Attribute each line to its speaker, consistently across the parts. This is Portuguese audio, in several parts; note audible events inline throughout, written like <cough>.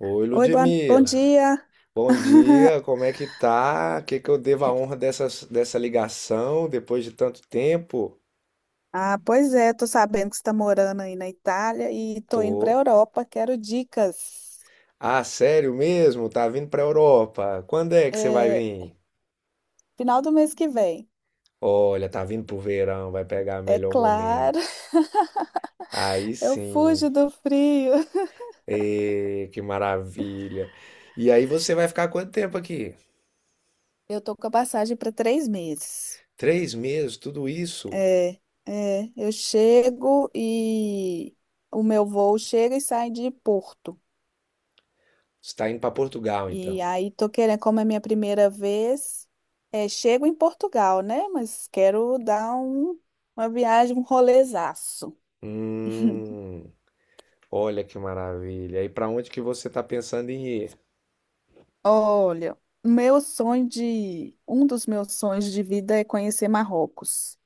Speaker 1: Oi,
Speaker 2: Oi, bom
Speaker 1: Ludmila.
Speaker 2: dia.
Speaker 1: Bom dia,
Speaker 2: <laughs>
Speaker 1: como é que tá? O que que eu devo a honra dessa ligação depois de tanto tempo?
Speaker 2: Ah, pois é, tô sabendo que você está morando aí na Itália e tô indo para a
Speaker 1: Tô.
Speaker 2: Europa. Quero dicas.
Speaker 1: Ah, sério mesmo? Tá vindo pra Europa? Quando é que você vai
Speaker 2: É,
Speaker 1: vir?
Speaker 2: final do mês que vem.
Speaker 1: Olha, tá vindo pro verão, vai pegar
Speaker 2: É
Speaker 1: melhor
Speaker 2: claro,
Speaker 1: momento.
Speaker 2: <laughs>
Speaker 1: Aí
Speaker 2: eu
Speaker 1: sim.
Speaker 2: fujo do frio.
Speaker 1: Ê, que maravilha. E aí você vai ficar quanto tempo aqui?
Speaker 2: Eu tô com a passagem para 3 meses.
Speaker 1: 3 meses, tudo isso?
Speaker 2: É, eu chego e o meu voo chega e sai de Porto.
Speaker 1: Você tá indo pra Portugal,
Speaker 2: E
Speaker 1: então.
Speaker 2: aí tô querendo, como é minha primeira vez, chego em Portugal, né? Mas quero dar uma viagem, um rolezaço.
Speaker 1: Hum. Olha que maravilha. E para onde que você está pensando em ir?
Speaker 2: Olha, um dos meus sonhos de vida é conhecer Marrocos.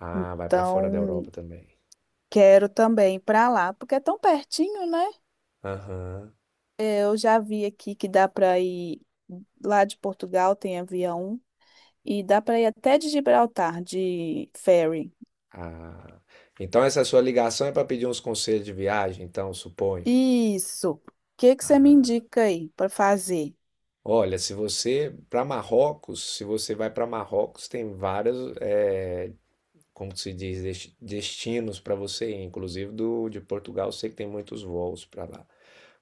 Speaker 1: Ah, vai para fora da Europa
Speaker 2: Então,
Speaker 1: também.
Speaker 2: quero também ir para lá, porque é tão pertinho, né?
Speaker 1: Aham.
Speaker 2: Eu já vi aqui que dá para ir lá de Portugal, tem avião, e dá para ir até de Gibraltar de ferry.
Speaker 1: Ah. Então essa sua ligação é para pedir uns conselhos de viagem, então, suponho.
Speaker 2: Isso. O que que você me
Speaker 1: Ah.
Speaker 2: indica aí para fazer?
Speaker 1: Olha, se você para Marrocos, se você vai para Marrocos, tem vários, como que se diz, destinos para você ir. Inclusive do de Portugal, eu sei que tem muitos voos para lá.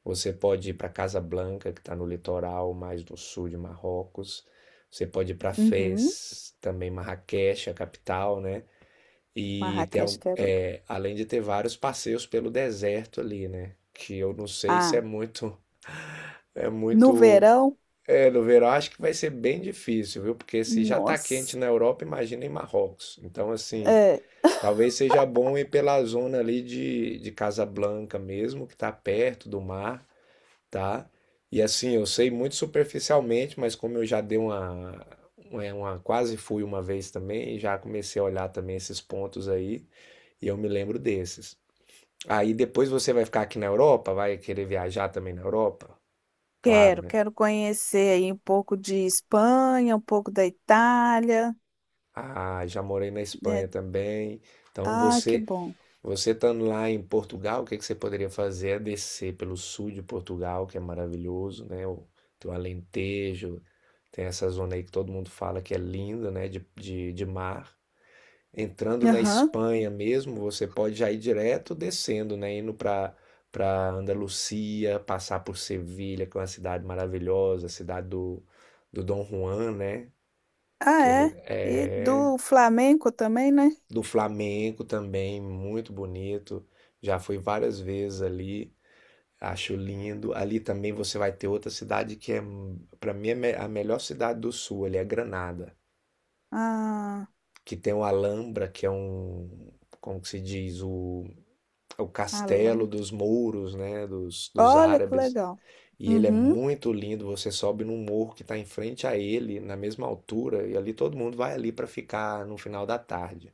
Speaker 1: Você pode ir para Casablanca, que está no litoral mais do sul de Marrocos. Você pode ir para
Speaker 2: Uhum.
Speaker 1: Fez, também Marrakech, a capital, né? E tem,
Speaker 2: Marrakech, quero ir.
Speaker 1: além de ter vários passeios pelo deserto ali, né? Que eu não sei se é
Speaker 2: Ah,
Speaker 1: muito, é
Speaker 2: no
Speaker 1: muito,
Speaker 2: verão?
Speaker 1: no verão acho que vai ser bem difícil, viu? Porque se já tá
Speaker 2: Nossa.
Speaker 1: quente na Europa, imagina em Marrocos. Então, assim,
Speaker 2: É,
Speaker 1: talvez seja bom ir pela zona ali de Casablanca mesmo, que tá perto do mar, tá? E assim, eu sei muito superficialmente, mas como eu já dei uma- quase fui uma vez também, já comecei a olhar também esses pontos aí, e eu me lembro desses. Aí depois você vai ficar aqui na Europa, vai querer viajar também na Europa? Claro,
Speaker 2: quero,
Speaker 1: né?
Speaker 2: quero conhecer aí um pouco de Espanha, um pouco da Itália,
Speaker 1: Ah, já morei na
Speaker 2: né?
Speaker 1: Espanha também. Então
Speaker 2: Ah, que
Speaker 1: você
Speaker 2: bom.
Speaker 1: Você estando lá em Portugal, o que que você poderia fazer é descer pelo sul de Portugal, que é maravilhoso, né? Tem o Alentejo, tem essa zona aí que todo mundo fala que é linda, né? De mar. Entrando na
Speaker 2: Aham.
Speaker 1: Espanha mesmo, você pode já ir direto descendo, né? Indo para Andalucia, passar por Sevilha, que é uma cidade maravilhosa, a cidade do Dom Juan, né?
Speaker 2: Ah,
Speaker 1: Que ele
Speaker 2: é.
Speaker 1: é
Speaker 2: E do Flamengo também, né?
Speaker 1: do Flamengo também, muito bonito. Já fui várias vezes ali, acho lindo. Ali também você vai ter outra cidade que é, para mim, a melhor cidade do sul, ali é Granada,
Speaker 2: Ah,
Speaker 1: que tem o Alhambra, que é um, como que se diz, o castelo
Speaker 2: Alhambra.
Speaker 1: dos mouros, né, dos
Speaker 2: Olha que
Speaker 1: árabes.
Speaker 2: legal.
Speaker 1: E ele é
Speaker 2: Uhum.
Speaker 1: muito lindo, você sobe num morro que está em frente a ele, na mesma altura, e ali todo mundo vai ali para ficar no final da tarde.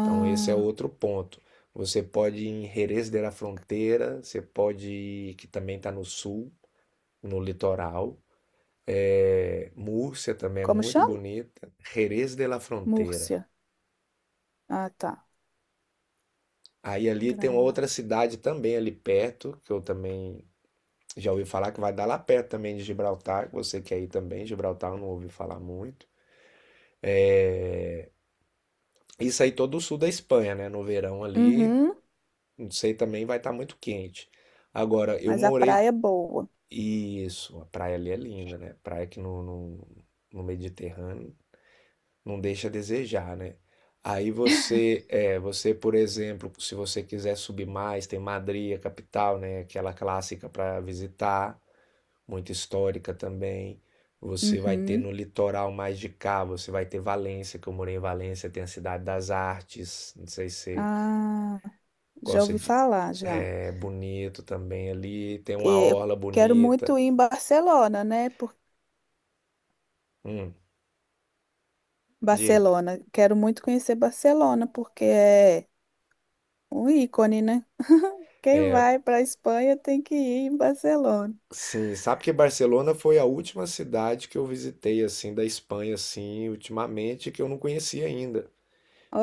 Speaker 1: Então, esse é outro ponto. Você pode ir em Jerez de la Frontera, você pode ir, que também está no sul, no litoral. É, Múrcia também é
Speaker 2: como
Speaker 1: muito
Speaker 2: chama?
Speaker 1: bonita. Jerez de la Frontera.
Speaker 2: Múrcia. Ah, tá.
Speaker 1: Aí ali tem uma
Speaker 2: Granada.
Speaker 1: outra cidade também ali perto, que eu também já ouvi falar que vai dar lá perto também de Gibraltar, que você quer ir também. Gibraltar eu não ouvi falar muito. Isso aí todo o sul da Espanha, né? No verão ali,
Speaker 2: Uhum.
Speaker 1: não sei, também vai estar muito quente. Agora, eu
Speaker 2: Mas a
Speaker 1: morei.
Speaker 2: praia é boa.
Speaker 1: Isso, a praia ali é linda, né? Praia que no Mediterrâneo não deixa a desejar, né? Aí você, você, por exemplo, se você quiser subir mais, tem Madrid, a capital, né? Aquela clássica para visitar, muito histórica também. Você vai ter no
Speaker 2: Uhum.
Speaker 1: litoral mais de cá, você vai ter Valência, que eu morei em Valência, tem a Cidade das Artes, não sei se você
Speaker 2: Ah, já
Speaker 1: gosta
Speaker 2: ouvi
Speaker 1: de,
Speaker 2: falar, já.
Speaker 1: é bonito também ali, tem uma
Speaker 2: Eu
Speaker 1: orla
Speaker 2: quero muito
Speaker 1: bonita.
Speaker 2: ir em Barcelona, né? Por...
Speaker 1: Hum, diga.
Speaker 2: Barcelona. Quero muito conhecer Barcelona, porque é um ícone, né? Quem vai para a Espanha tem que ir em Barcelona.
Speaker 1: Sim, sabe que Barcelona foi a última cidade que eu visitei assim da Espanha assim, ultimamente que eu não conhecia ainda.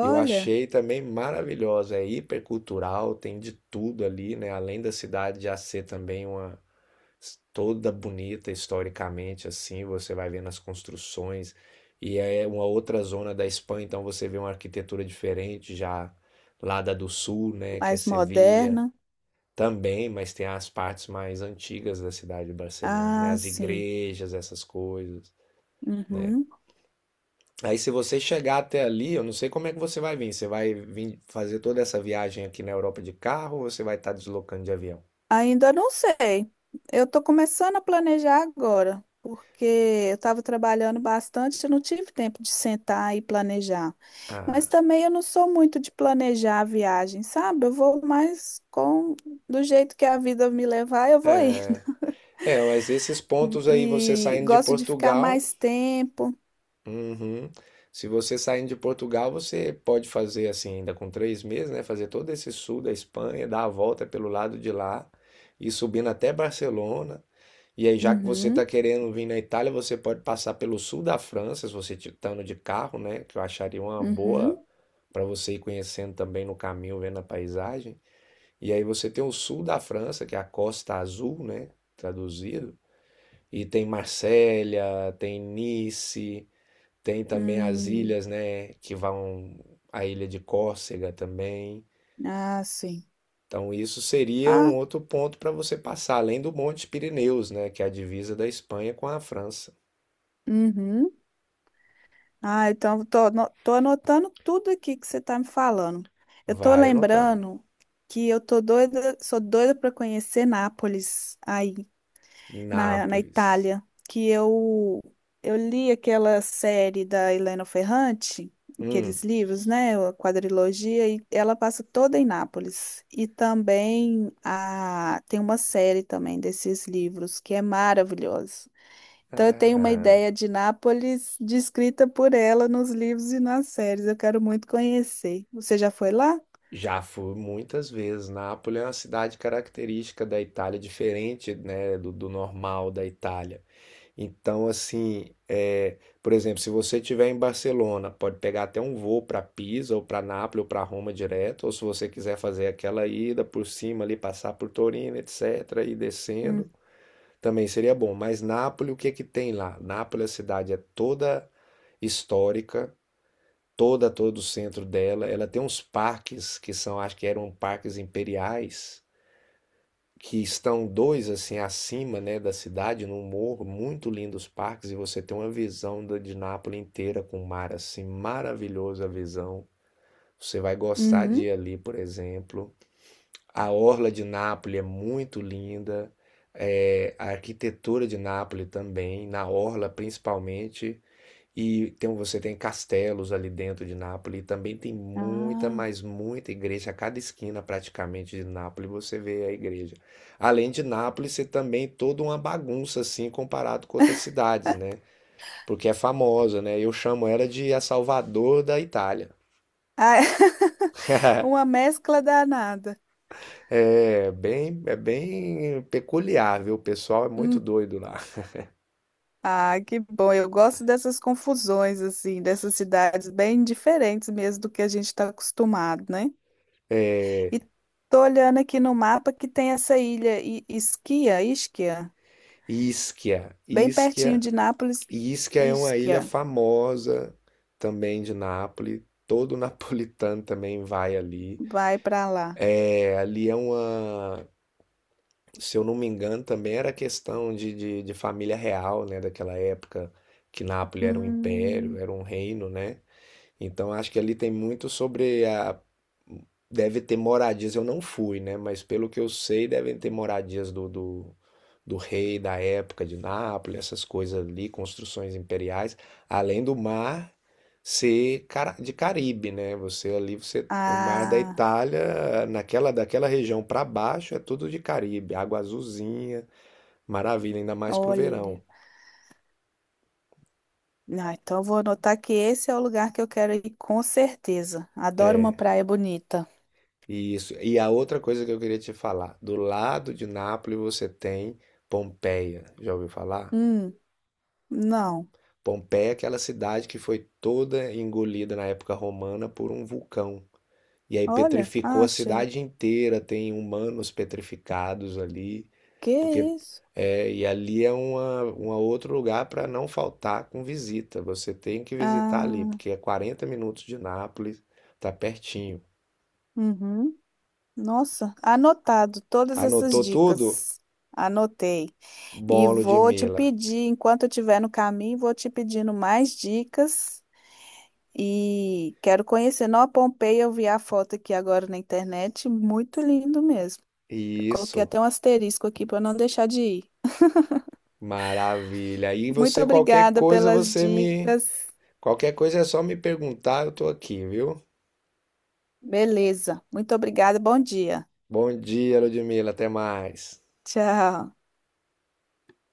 Speaker 1: E eu achei também maravilhosa, é hipercultural, tem de tudo ali, né? Além da cidade já ser também uma toda bonita historicamente assim, você vai vendo as construções e é uma outra zona da Espanha, então você vê uma arquitetura diferente já lá da do sul, né, que é
Speaker 2: mais
Speaker 1: Sevilha.
Speaker 2: moderna.
Speaker 1: Também, mas tem as partes mais antigas da cidade de Barcelona, né?
Speaker 2: Ah,
Speaker 1: As
Speaker 2: sim.
Speaker 1: igrejas, essas coisas, né?
Speaker 2: Uhum.
Speaker 1: Aí se você chegar até ali, eu não sei como é que você vai vir. Você vai vir fazer toda essa viagem aqui na Europa de carro ou você vai estar deslocando de avião?
Speaker 2: Ainda não sei. Eu estou começando a planejar agora, porque eu estava trabalhando bastante, eu não tive tempo de sentar e planejar.
Speaker 1: Ah,
Speaker 2: Mas também eu não sou muito de planejar a viagem, sabe? Eu vou mais com do jeito que a vida me levar, eu vou ir. <laughs>
Speaker 1: é, mas esses pontos aí, você
Speaker 2: E
Speaker 1: saindo de
Speaker 2: gosto de ficar
Speaker 1: Portugal.
Speaker 2: mais tempo.
Speaker 1: Uhum. Se você saindo de Portugal, você pode fazer assim, ainda com 3 meses, né? Fazer todo esse sul da Espanha, dar a volta pelo lado de lá e subindo até Barcelona. E aí, já que você está
Speaker 2: Uhum,
Speaker 1: querendo vir na Itália, você pode passar pelo sul da França, se você estando de carro, né? Que eu acharia uma
Speaker 2: uhum.
Speaker 1: boa para você ir conhecendo também no caminho, vendo a paisagem. E aí você tem o sul da França, que é a Costa Azul, né? Traduzido. E tem Marsella, tem Nice. Tem também as
Speaker 2: Hum,
Speaker 1: ilhas, né, que vão a ilha de Córcega também.
Speaker 2: ah, sim.
Speaker 1: Então isso seria
Speaker 2: Ah,
Speaker 1: um outro ponto para você passar, além do Monte Pirineus, né, que é a divisa da Espanha com a França.
Speaker 2: uhum. Ah, então tô anotando tudo aqui que você tá me falando. Eu tô
Speaker 1: Vai anotando.
Speaker 2: lembrando que eu tô doida, sou doida para conhecer Nápoles aí na
Speaker 1: Nápoles.
Speaker 2: Itália, que eu li aquela série da Helena Ferrante,
Speaker 1: Hum,
Speaker 2: aqueles livros, né, a quadrilogia, e ela passa toda em Nápoles. E também a tem uma série também desses livros que é maravilhosa. Então, eu tenho uma
Speaker 1: ah,
Speaker 2: ideia de Nápoles descrita por ela nos livros e nas séries. Eu quero muito conhecer. Você já foi lá?
Speaker 1: Já fui muitas vezes. Nápoles é uma cidade característica da Itália, diferente, né, do normal da Itália. Então, assim, por exemplo, se você estiver em Barcelona, pode pegar até um voo para Pisa ou para Nápoles ou para Roma direto, ou se você quiser fazer aquela ida por cima ali, passar por Torino, etc., e
Speaker 2: Hum.
Speaker 1: descendo, também seria bom. Mas Nápoles, o que que tem lá? Nápoles, a cidade é toda histórica, toda, todo o centro dela. Ela tem uns parques que são, acho que eram parques imperiais que estão dois assim acima, né, da cidade, num morro, muito lindos parques, e você tem uma visão da, de Nápoles inteira com o mar assim, maravilhosa a visão. Você vai gostar de
Speaker 2: Uhum.
Speaker 1: ir ali, por exemplo. A orla de Nápoles é muito linda. É, a arquitetura de Nápoles também, na orla principalmente, e tem, você tem castelos ali dentro de Nápoles, e também tem muita,
Speaker 2: Ah.
Speaker 1: mas muita igreja. A cada esquina praticamente de Nápoles você vê a igreja. Além de Nápoles, ser também toda uma bagunça assim comparado com outras cidades, né? Porque é famosa, né? Eu chamo ela de a Salvador da Itália.
Speaker 2: Ah, <laughs> uma mescla danada.
Speaker 1: É bem peculiar, viu? O pessoal é muito
Speaker 2: Hum.
Speaker 1: doido lá.
Speaker 2: Ah, que bom. Eu gosto dessas confusões, assim, dessas cidades bem diferentes mesmo do que a gente está acostumado, né? E tô olhando aqui no mapa que tem essa ilha Ischia, Ischia,
Speaker 1: Ischia,
Speaker 2: bem pertinho
Speaker 1: Ischia.
Speaker 2: de Nápoles,
Speaker 1: E isso que é uma ilha
Speaker 2: Ischia.
Speaker 1: famosa também de Nápoles. <laughs> Todo napolitano também vai ali.
Speaker 2: Vai para lá.
Speaker 1: É, ali é uma, se eu não me engano, também era questão de família real, né? Daquela época que Nápoles era um império,
Speaker 2: Hum,
Speaker 1: era um reino, né? Então acho que ali tem muito sobre a. Deve ter moradias, eu não fui, né? Mas pelo que eu sei, devem ter moradias do rei da época de Nápoles, essas coisas ali, construções imperiais, além do mar ser de Caribe, né? Você, o mar da
Speaker 2: ah,
Speaker 1: Itália, naquela daquela região para baixo é tudo de Caribe, água azulzinha, maravilha, ainda mais pro
Speaker 2: olha.
Speaker 1: verão.
Speaker 2: Ah, então eu vou anotar que esse é o lugar que eu quero ir com certeza. Adoro uma
Speaker 1: É.
Speaker 2: praia bonita.
Speaker 1: Isso. E a outra coisa que eu queria te falar, do lado de Nápoles você tem Pompeia. Já ouviu falar?
Speaker 2: Hum, não.
Speaker 1: Pompeia é aquela cidade que foi toda engolida na época romana por um vulcão. E aí
Speaker 2: Olha,
Speaker 1: petrificou
Speaker 2: ah,
Speaker 1: a
Speaker 2: achei.
Speaker 1: cidade inteira, tem humanos petrificados ali,
Speaker 2: Que
Speaker 1: porque
Speaker 2: isso?
Speaker 1: e ali é uma outro lugar para não faltar com visita. Você tem que visitar ali,
Speaker 2: Ah,
Speaker 1: porque é 40 minutos de Nápoles, tá pertinho.
Speaker 2: uhum. Nossa, anotado todas essas
Speaker 1: Anotou tudo?
Speaker 2: dicas. Anotei. E
Speaker 1: Bom,
Speaker 2: vou te
Speaker 1: Ludmila.
Speaker 2: pedir, enquanto eu estiver no caminho, vou te pedindo mais dicas. E quero conhecer Nova Pompeia. Eu vi a foto aqui agora na internet. Muito lindo mesmo. Eu coloquei
Speaker 1: Isso,
Speaker 2: até um asterisco aqui para não deixar de ir.
Speaker 1: maravilha. E
Speaker 2: Muito
Speaker 1: você, qualquer
Speaker 2: obrigada
Speaker 1: coisa,
Speaker 2: pelas
Speaker 1: você me.
Speaker 2: dicas.
Speaker 1: Qualquer coisa é só me perguntar, eu tô aqui, viu?
Speaker 2: Beleza. Muito obrigada. Bom dia.
Speaker 1: Bom dia, Ludmila, até mais.
Speaker 2: Tchau.